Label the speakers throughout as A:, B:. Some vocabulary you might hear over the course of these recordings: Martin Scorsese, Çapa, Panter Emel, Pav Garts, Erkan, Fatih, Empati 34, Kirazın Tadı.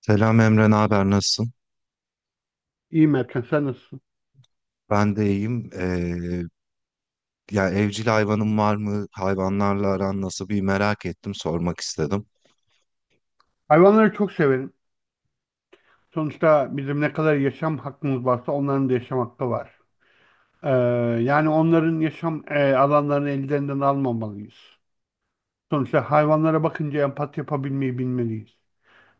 A: Selam Emre, ne haber? Nasılsın?
B: İyiyim Erkan, sen nasılsın?
A: Ben de iyiyim. Ya evcil hayvanın var mı? Hayvanlarla aran nasıl? Bir merak ettim, sormak istedim.
B: Hayvanları çok severim. Sonuçta bizim ne kadar yaşam hakkımız varsa onların da yaşam hakkı var. Ee, Yani onların yaşam alanlarını ellerinden almamalıyız. Sonuçta hayvanlara bakınca empati yapabilmeyi bilmeliyiz.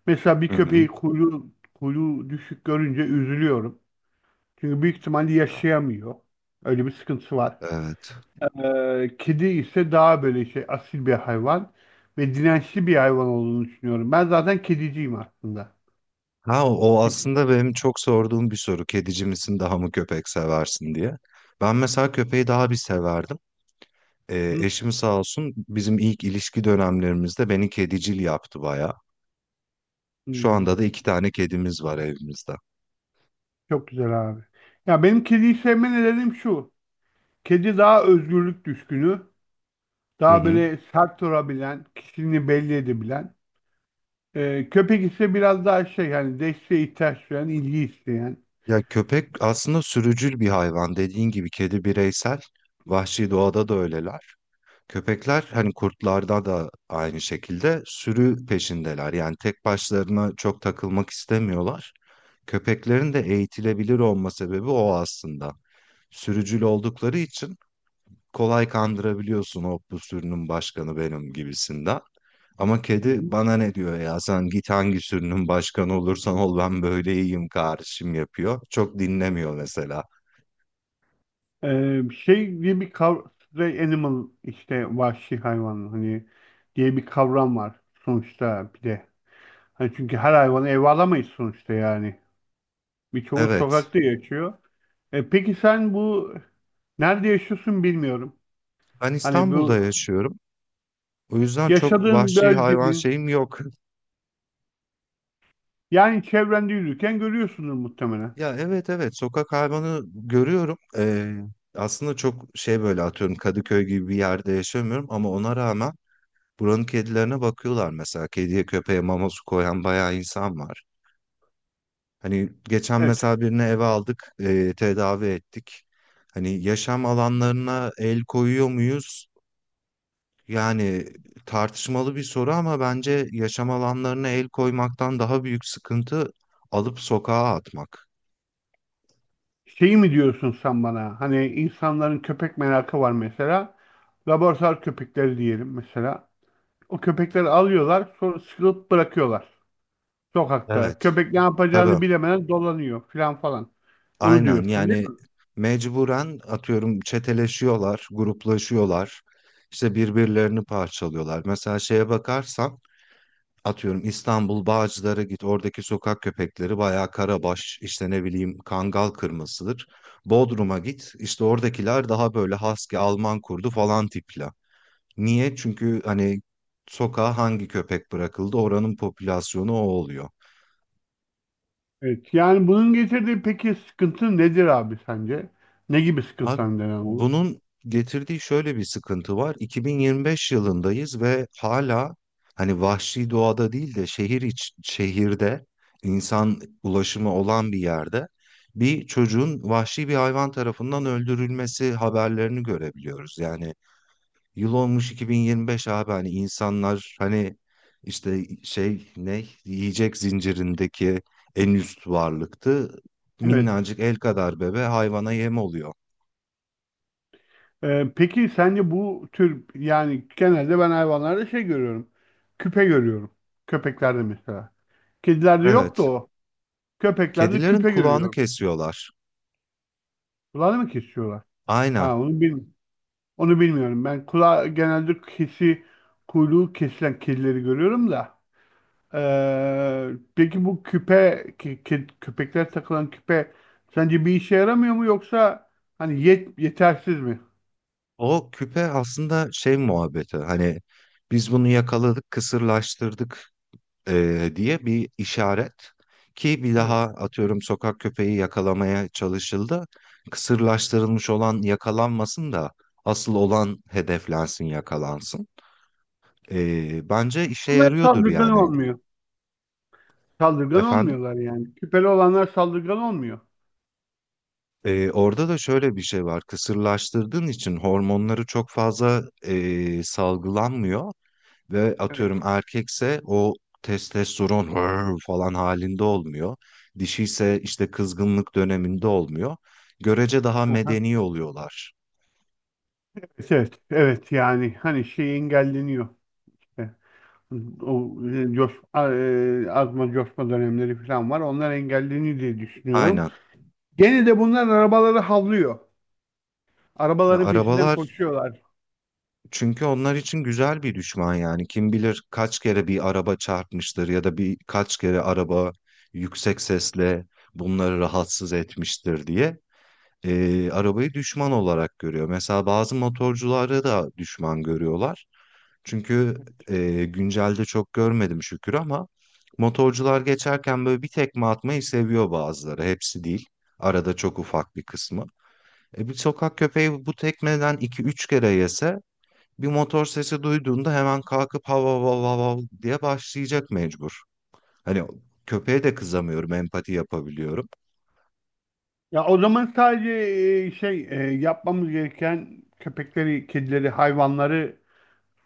B: Mesela bir
A: Hı
B: köpeği
A: hı.
B: kuyruğu düşük görünce üzülüyorum. Çünkü büyük ihtimalle yaşayamıyor. Öyle bir sıkıntısı var.
A: Evet.
B: Kedi ise daha böyle şey asil bir hayvan ve dirençli bir hayvan olduğunu düşünüyorum. Ben zaten kediciyim aslında.
A: Ha, o
B: Hı?
A: aslında benim çok sorduğum bir soru. Kedici misin, daha mı köpek seversin diye. Ben mesela köpeği daha bir severdim. Eşim sağ olsun bizim ilk ilişki dönemlerimizde beni kedicil yaptı bayağı. Şu
B: Hmm,
A: anda da iki tane kedimiz var evimizde.
B: çok güzel abi. Ya benim kediyi sevme nedenim şu. Kedi daha özgürlük düşkünü.
A: Hı
B: Daha
A: hı.
B: böyle sert durabilen, kişiliğini belli edebilen. Köpek ise biraz daha şey hani desteğe ihtiyaç duyan, ilgi isteyen.
A: Ya köpek aslında sürücül bir hayvan. Dediğin gibi kedi bireysel. Vahşi doğada da öyleler. Köpekler hani kurtlarda da aynı şekilde sürü peşindeler. Yani tek başlarına çok takılmak istemiyorlar. Köpeklerin de eğitilebilir olma sebebi o aslında. Sürücül oldukları için kolay kandırabiliyorsun o bu sürünün başkanı benim gibisinden. Ama
B: Hı
A: kedi
B: hı.
A: bana ne diyor ya sen git hangi sürünün başkanı olursan ol ben böyle iyiyim kardeşim yapıyor. Çok dinlemiyor mesela.
B: Şey diye bir kavram, stray animal işte vahşi hayvan hani diye bir kavram var sonuçta bir de. Hani çünkü her hayvanı eve alamayız sonuçta yani. Birçoğu
A: Evet,
B: sokakta yaşıyor. Peki sen bu nerede yaşıyorsun bilmiyorum.
A: ben
B: Hani
A: İstanbul'da
B: bu
A: yaşıyorum. O yüzden çok
B: yaşadığın
A: vahşi hayvan
B: bölgenin
A: şeyim yok.
B: yani çevrende yürürken görüyorsundur muhtemelen.
A: Ya evet evet sokak hayvanı görüyorum. Aslında çok şey böyle atıyorum Kadıköy gibi bir yerde yaşamıyorum ama ona rağmen buranın kedilerine bakıyorlar mesela. Kediye köpeğe mama su koyan bayağı insan var. Hani geçen
B: Evet.
A: mesela birini eve aldık, tedavi ettik. Hani yaşam alanlarına el koyuyor muyuz? Yani tartışmalı bir soru ama bence yaşam alanlarına el koymaktan daha büyük sıkıntı alıp sokağa atmak.
B: Şeyi mi diyorsun sen bana? Hani insanların köpek merakı var mesela. Laboratuvar köpekleri diyelim mesela. O köpekleri alıyorlar sonra sıkılıp bırakıyorlar. Sokakta.
A: Evet,
B: Köpek ne
A: tabii.
B: yapacağını bilemeden dolanıyor filan falan. Onu
A: Aynen
B: diyorsun değil
A: yani
B: mi?
A: mecburen atıyorum çeteleşiyorlar, gruplaşıyorlar. İşte birbirlerini parçalıyorlar. Mesela şeye bakarsan atıyorum İstanbul Bağcılar'a git oradaki sokak köpekleri bayağı karabaş işte ne bileyim kangal kırmasıdır. Bodrum'a git işte oradakiler daha böyle husky Alman kurdu falan tipler. Niye? Çünkü hani sokağa hangi köpek bırakıldı oranın popülasyonu o oluyor.
B: Evet. Yani bunun getirdiği peki sıkıntı nedir abi sence? Ne gibi
A: Abi,
B: sıkıntılar neden olur?
A: bunun getirdiği şöyle bir sıkıntı var. 2025 yılındayız ve hala hani vahşi doğada değil de şehirde insan ulaşımı olan bir yerde bir çocuğun vahşi bir hayvan tarafından öldürülmesi haberlerini görebiliyoruz. Yani yıl olmuş 2025 abi hani insanlar hani işte şey ne yiyecek zincirindeki en üst varlıktı.
B: Evet.
A: Minnacık el kadar bebe hayvana yem oluyor.
B: Peki sence bu tür yani genelde ben hayvanlarda şey görüyorum. Küpe görüyorum. Köpeklerde mesela. Kedilerde yoktu
A: Evet.
B: o. Köpeklerde
A: Kedilerin
B: küpe
A: kulağını
B: görüyorum.
A: kesiyorlar.
B: Kulağını mı kesiyorlar?
A: Aynen.
B: Ha onu bilmiyorum. Onu bilmiyorum. Ben kuyruğu kesilen kedileri görüyorum da. Ee, peki bu köpekler takılan küpe sence bir işe yaramıyor mu yoksa hani yetersiz mi?
A: O küpe aslında şey muhabbeti hani biz bunu yakaladık, kısırlaştırdık, diye bir işaret ki bir
B: Evet.
A: daha atıyorum sokak köpeği yakalamaya çalışıldı. Kısırlaştırılmış olan yakalanmasın da asıl olan hedeflensin, yakalansın. Bence işe
B: Onlar hep
A: yarıyordur
B: saldırgan
A: yani
B: olmuyor. Saldırgan
A: efendim.
B: olmuyorlar yani. Küpeli olanlar saldırgan olmuyor.
A: Orada da şöyle bir şey var. Kısırlaştırdığın için hormonları çok fazla salgılanmıyor. Ve
B: Evet.
A: atıyorum erkekse o testosteron "Hırr" falan halinde olmuyor. Dişiyse işte kızgınlık döneminde olmuyor. Görece daha
B: Aha.
A: medeni oluyorlar.
B: Evet, evet, evet. Yani hani şey engelleniyor. E, O azma coşma dönemleri falan var. Onlar engelleniyor diye düşünüyorum.
A: Aynen.
B: Gene de bunlar arabaları havlıyor.
A: Ya
B: Arabaların peşinden
A: arabalar
B: koşuyorlar.
A: çünkü onlar için güzel bir düşman yani. Kim bilir kaç kere bir araba çarpmıştır ya da bir kaç kere araba yüksek sesle bunları rahatsız etmiştir diye. Arabayı düşman olarak görüyor. Mesela bazı motorcuları da düşman görüyorlar. Çünkü güncelde çok görmedim şükür ama motorcular geçerken böyle bir tekme atmayı seviyor bazıları. Hepsi değil. Arada çok ufak bir kısmı. Bir sokak köpeği bu tekmeden iki üç kere yese bir motor sesi duyduğunda hemen kalkıp hav hav hav hav hav diye başlayacak mecbur. Hani köpeğe de kızamıyorum, empati yapabiliyorum.
B: Ya o zaman sadece yapmamız gereken köpekleri, kedileri, hayvanları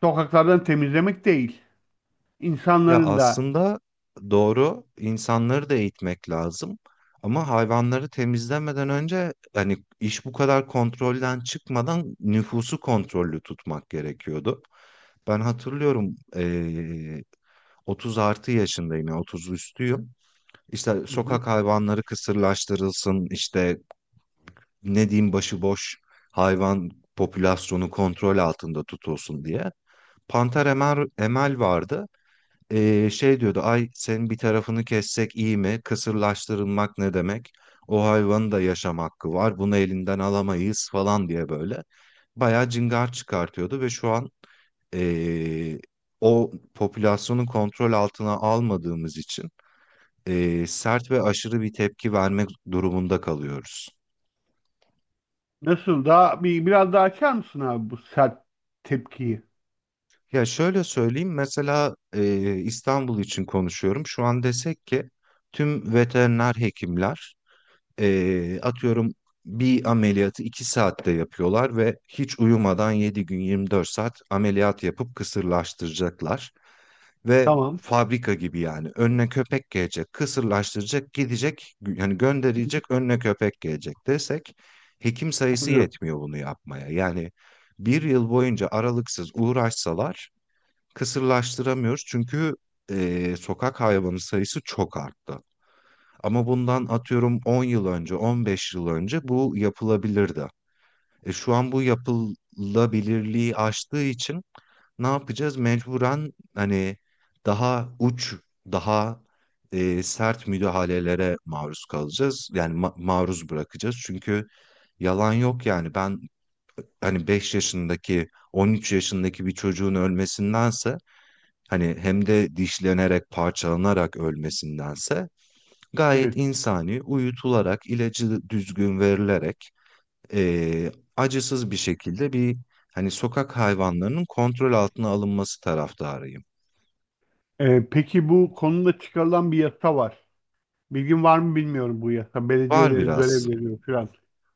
B: sokaklardan temizlemek değil.
A: Ya
B: İnsanların da.
A: aslında doğru insanları da eğitmek lazım. Ama hayvanları temizlemeden önce hani iş bu kadar kontrolden çıkmadan nüfusu kontrollü tutmak gerekiyordu. Ben hatırlıyorum 30 artı yaşındayım yani 30 üstüyüm. İşte sokak hayvanları kısırlaştırılsın işte ne diyeyim başıboş hayvan popülasyonu kontrol altında tutulsun diye. Panter Emel, Emel vardı. Şey diyordu ay senin bir tarafını kessek iyi mi? Kısırlaştırılmak ne demek? O hayvanın da yaşam hakkı var. Bunu elinden alamayız falan diye böyle. Bayağı cingar çıkartıyordu ve şu an ee, o popülasyonu kontrol altına almadığımız için sert ve aşırı bir tepki vermek durumunda kalıyoruz.
B: Nasıl? Daha bir biraz daha açar mısın abi bu sert tepkiyi?
A: Ya şöyle söyleyeyim mesela İstanbul için konuşuyorum. Şu an desek ki tüm veteriner hekimler atıyorum bir ameliyatı 2 saatte yapıyorlar ve hiç uyumadan 7 gün 24 saat ameliyat yapıp kısırlaştıracaklar. Ve
B: Tamam.
A: fabrika gibi yani önüne köpek gelecek, kısırlaştıracak, gidecek yani gönderilecek önüne köpek gelecek desek hekim sayısı
B: Anlıyorum.
A: yetmiyor bunu yapmaya. Yani bir yıl boyunca aralıksız uğraşsalar kısırlaştıramıyoruz çünkü sokak hayvanı sayısı çok arttı. Ama bundan atıyorum 10 yıl önce, 15 yıl önce bu yapılabilirdi. E şu an bu yapılabilirliği aştığı için ne yapacağız? Mecburen hani daha uç, daha sert müdahalelere maruz kalacağız. Yani maruz bırakacağız. Çünkü yalan yok yani ben hani 5 yaşındaki, 13 yaşındaki bir çocuğun ölmesindense hani hem de dişlenerek, parçalanarak ölmesindense gayet
B: Evet.
A: insani uyutularak ilacı düzgün verilerek eee, acısız bir şekilde bir hani sokak hayvanlarının kontrol altına alınması taraftarıyım.
B: Peki bu konuda çıkarılan bir yasa var. Bilgin var mı bilmiyorum bu yasa.
A: Var
B: Belediyeleri görev
A: biraz.
B: veriyor falan.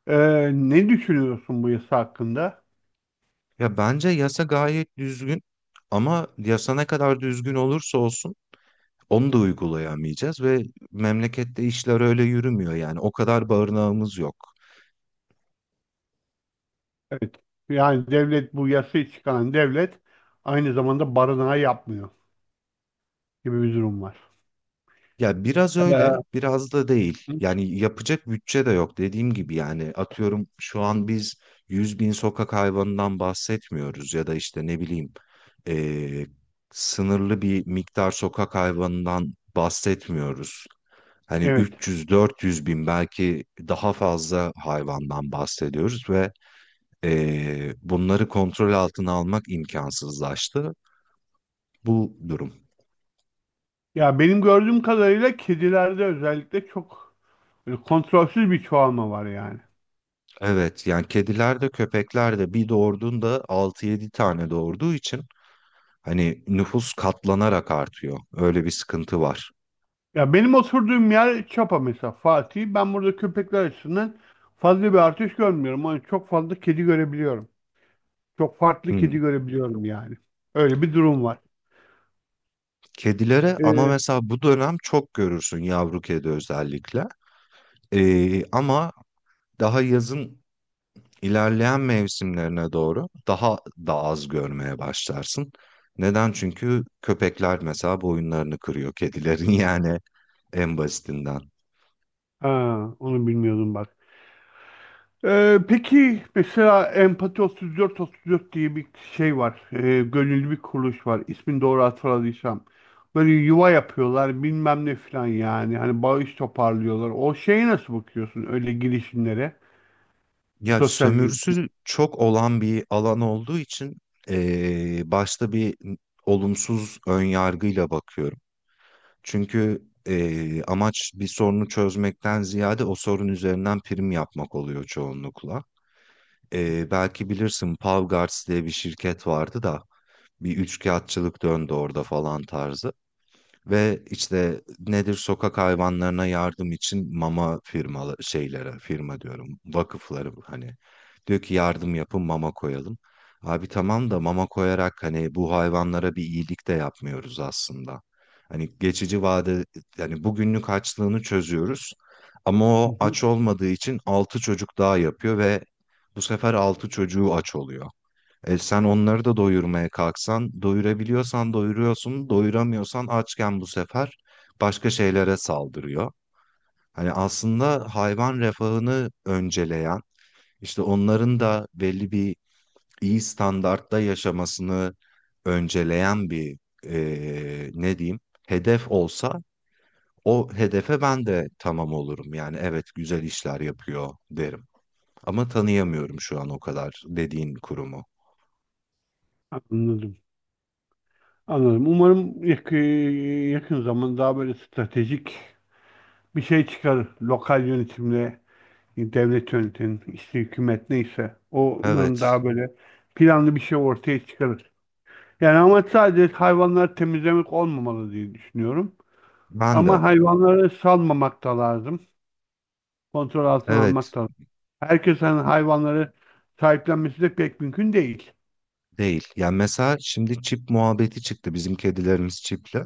B: Ne düşünüyorsun bu yasa hakkında?
A: Ya bence yasa gayet düzgün ama yasa ne kadar düzgün olursa olsun onu da uygulayamayacağız ve memlekette işler öyle yürümüyor yani o kadar barınağımız yok.
B: Evet. Yani devlet bu yasayı çıkaran devlet aynı zamanda barınağı yapmıyor gibi bir durum var.
A: Ya biraz öyle,
B: Ee,
A: biraz da değil. Yani yapacak bütçe de yok dediğim gibi yani atıyorum şu an biz 100 bin sokak hayvanından bahsetmiyoruz ya da işte ne bileyim eee, sınırlı bir miktar sokak hayvanından bahsetmiyoruz. Hani
B: evet.
A: üç yüz dört yüz bin belki daha fazla hayvandan bahsediyoruz ve bunları kontrol altına almak imkansızlaştı bu durum.
B: Ya benim gördüğüm kadarıyla kedilerde özellikle çok böyle kontrolsüz bir çoğalma var yani.
A: Evet yani kediler de köpekler de bir doğurduğunda 6-7 tane doğurduğu için hani nüfus katlanarak artıyor. Öyle bir sıkıntı var.
B: Ya benim oturduğum yer Çapa mesela Fatih. Ben burada köpekler açısından fazla bir artış görmüyorum. Ama çok fazla kedi görebiliyorum. Çok farklı
A: Hmm.
B: kedi görebiliyorum yani. Öyle bir durum var.
A: Kedilere ama
B: Ee,
A: mesela bu dönem çok görürsün yavru kedi özellikle. Ama daha yazın ilerleyen mevsimlerine doğru daha da az görmeye başlarsın. Neden? Çünkü köpekler mesela boyunlarını kırıyor kedilerin yani en basitinden.
B: ha, onu bilmiyordum bak. Peki mesela Empati 34 34 diye bir şey var. Gönüllü bir kuruluş var. İsmini doğru hatırladıysam. Böyle yuva yapıyorlar bilmem ne falan yani. Hani bağış toparlıyorlar. O şeye nasıl bakıyorsun öyle girişimlere?
A: Ya
B: Sosyal girişim.
A: sömürüsü çok olan bir alan olduğu için başta bir olumsuz önyargıyla bakıyorum. Çünkü amaç bir sorunu çözmekten ziyade o sorun üzerinden prim yapmak oluyor çoğunlukla. Belki bilirsin Pav Garts diye bir şirket vardı da bir üçkağıtçılık döndü orada falan tarzı. Ve işte nedir sokak hayvanlarına yardım için mama firmalı şeylere firma diyorum vakıfları hani diyor ki yardım yapın mama koyalım. Abi tamam da mama koyarak hani bu hayvanlara bir iyilik de yapmıyoruz aslında. Hani geçici vade yani bugünlük açlığını çözüyoruz ama
B: Hı
A: o
B: hı.
A: aç olmadığı için altı çocuk daha yapıyor ve bu sefer altı çocuğu aç oluyor. E sen onları da doyurmaya kalksan, doyurabiliyorsan doyuruyorsun, doyuramıyorsan açken bu sefer başka şeylere saldırıyor. Hani aslında hayvan refahını önceleyen, işte onların da belli bir iyi standartta yaşamasını önceleyen bir ne diyeyim hedef olsa o hedefe ben de tamam olurum. Yani evet güzel işler yapıyor derim. Ama tanıyamıyorum şu an o kadar dediğin kurumu.
B: Anladım. Anladım. Umarım yakın zaman daha böyle stratejik bir şey çıkar. Lokal yönetimle, devlet yönetim, işte hükümet neyse. O
A: Evet,
B: umarım daha böyle planlı bir şey ortaya çıkarır. Yani ama sadece hayvanları temizlemek olmamalı diye düşünüyorum.
A: ben de.
B: Ama hayvanları salmamak da lazım. Kontrol altına
A: Evet
B: almak da lazım. Herkesin hayvanları sahiplenmesi de pek mümkün değil.
A: değil. Yani mesela şimdi çip muhabbeti çıktı. Bizim kedilerimiz çipli.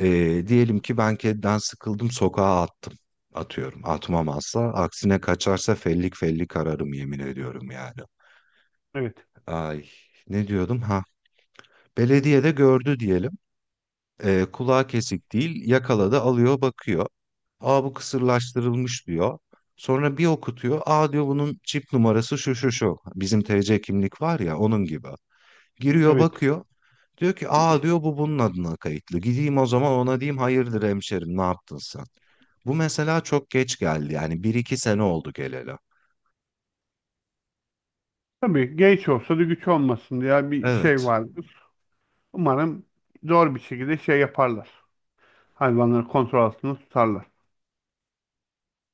A: Diyelim ki ben kediden sıkıldım sokağa attım. Atıyorum. Atmam asla. Aksine kaçarsa fellik fellik ararım yemin ediyorum yani.
B: Evet,
A: Ay ne diyordum ha. Belediye de gördü diyelim. Kulağı kesik değil yakaladı alıyor bakıyor. Aa bu kısırlaştırılmış diyor. Sonra bir okutuyor. Aa diyor bunun çip numarası şu şu şu. Bizim TC kimlik var ya onun gibi. Giriyor
B: evet.
A: bakıyor. Diyor ki aa diyor bu bunun adına kayıtlı. Gideyim o zaman ona diyeyim hayırdır hemşerim ne yaptın sen? Bu mesela çok geç geldi yani bir iki sene oldu geleli.
B: Tabii genç olsa da güç olmasın diye bir şey
A: Evet.
B: var. Umarım zor bir şekilde şey yaparlar. Hayvanları kontrol altında tutarlar.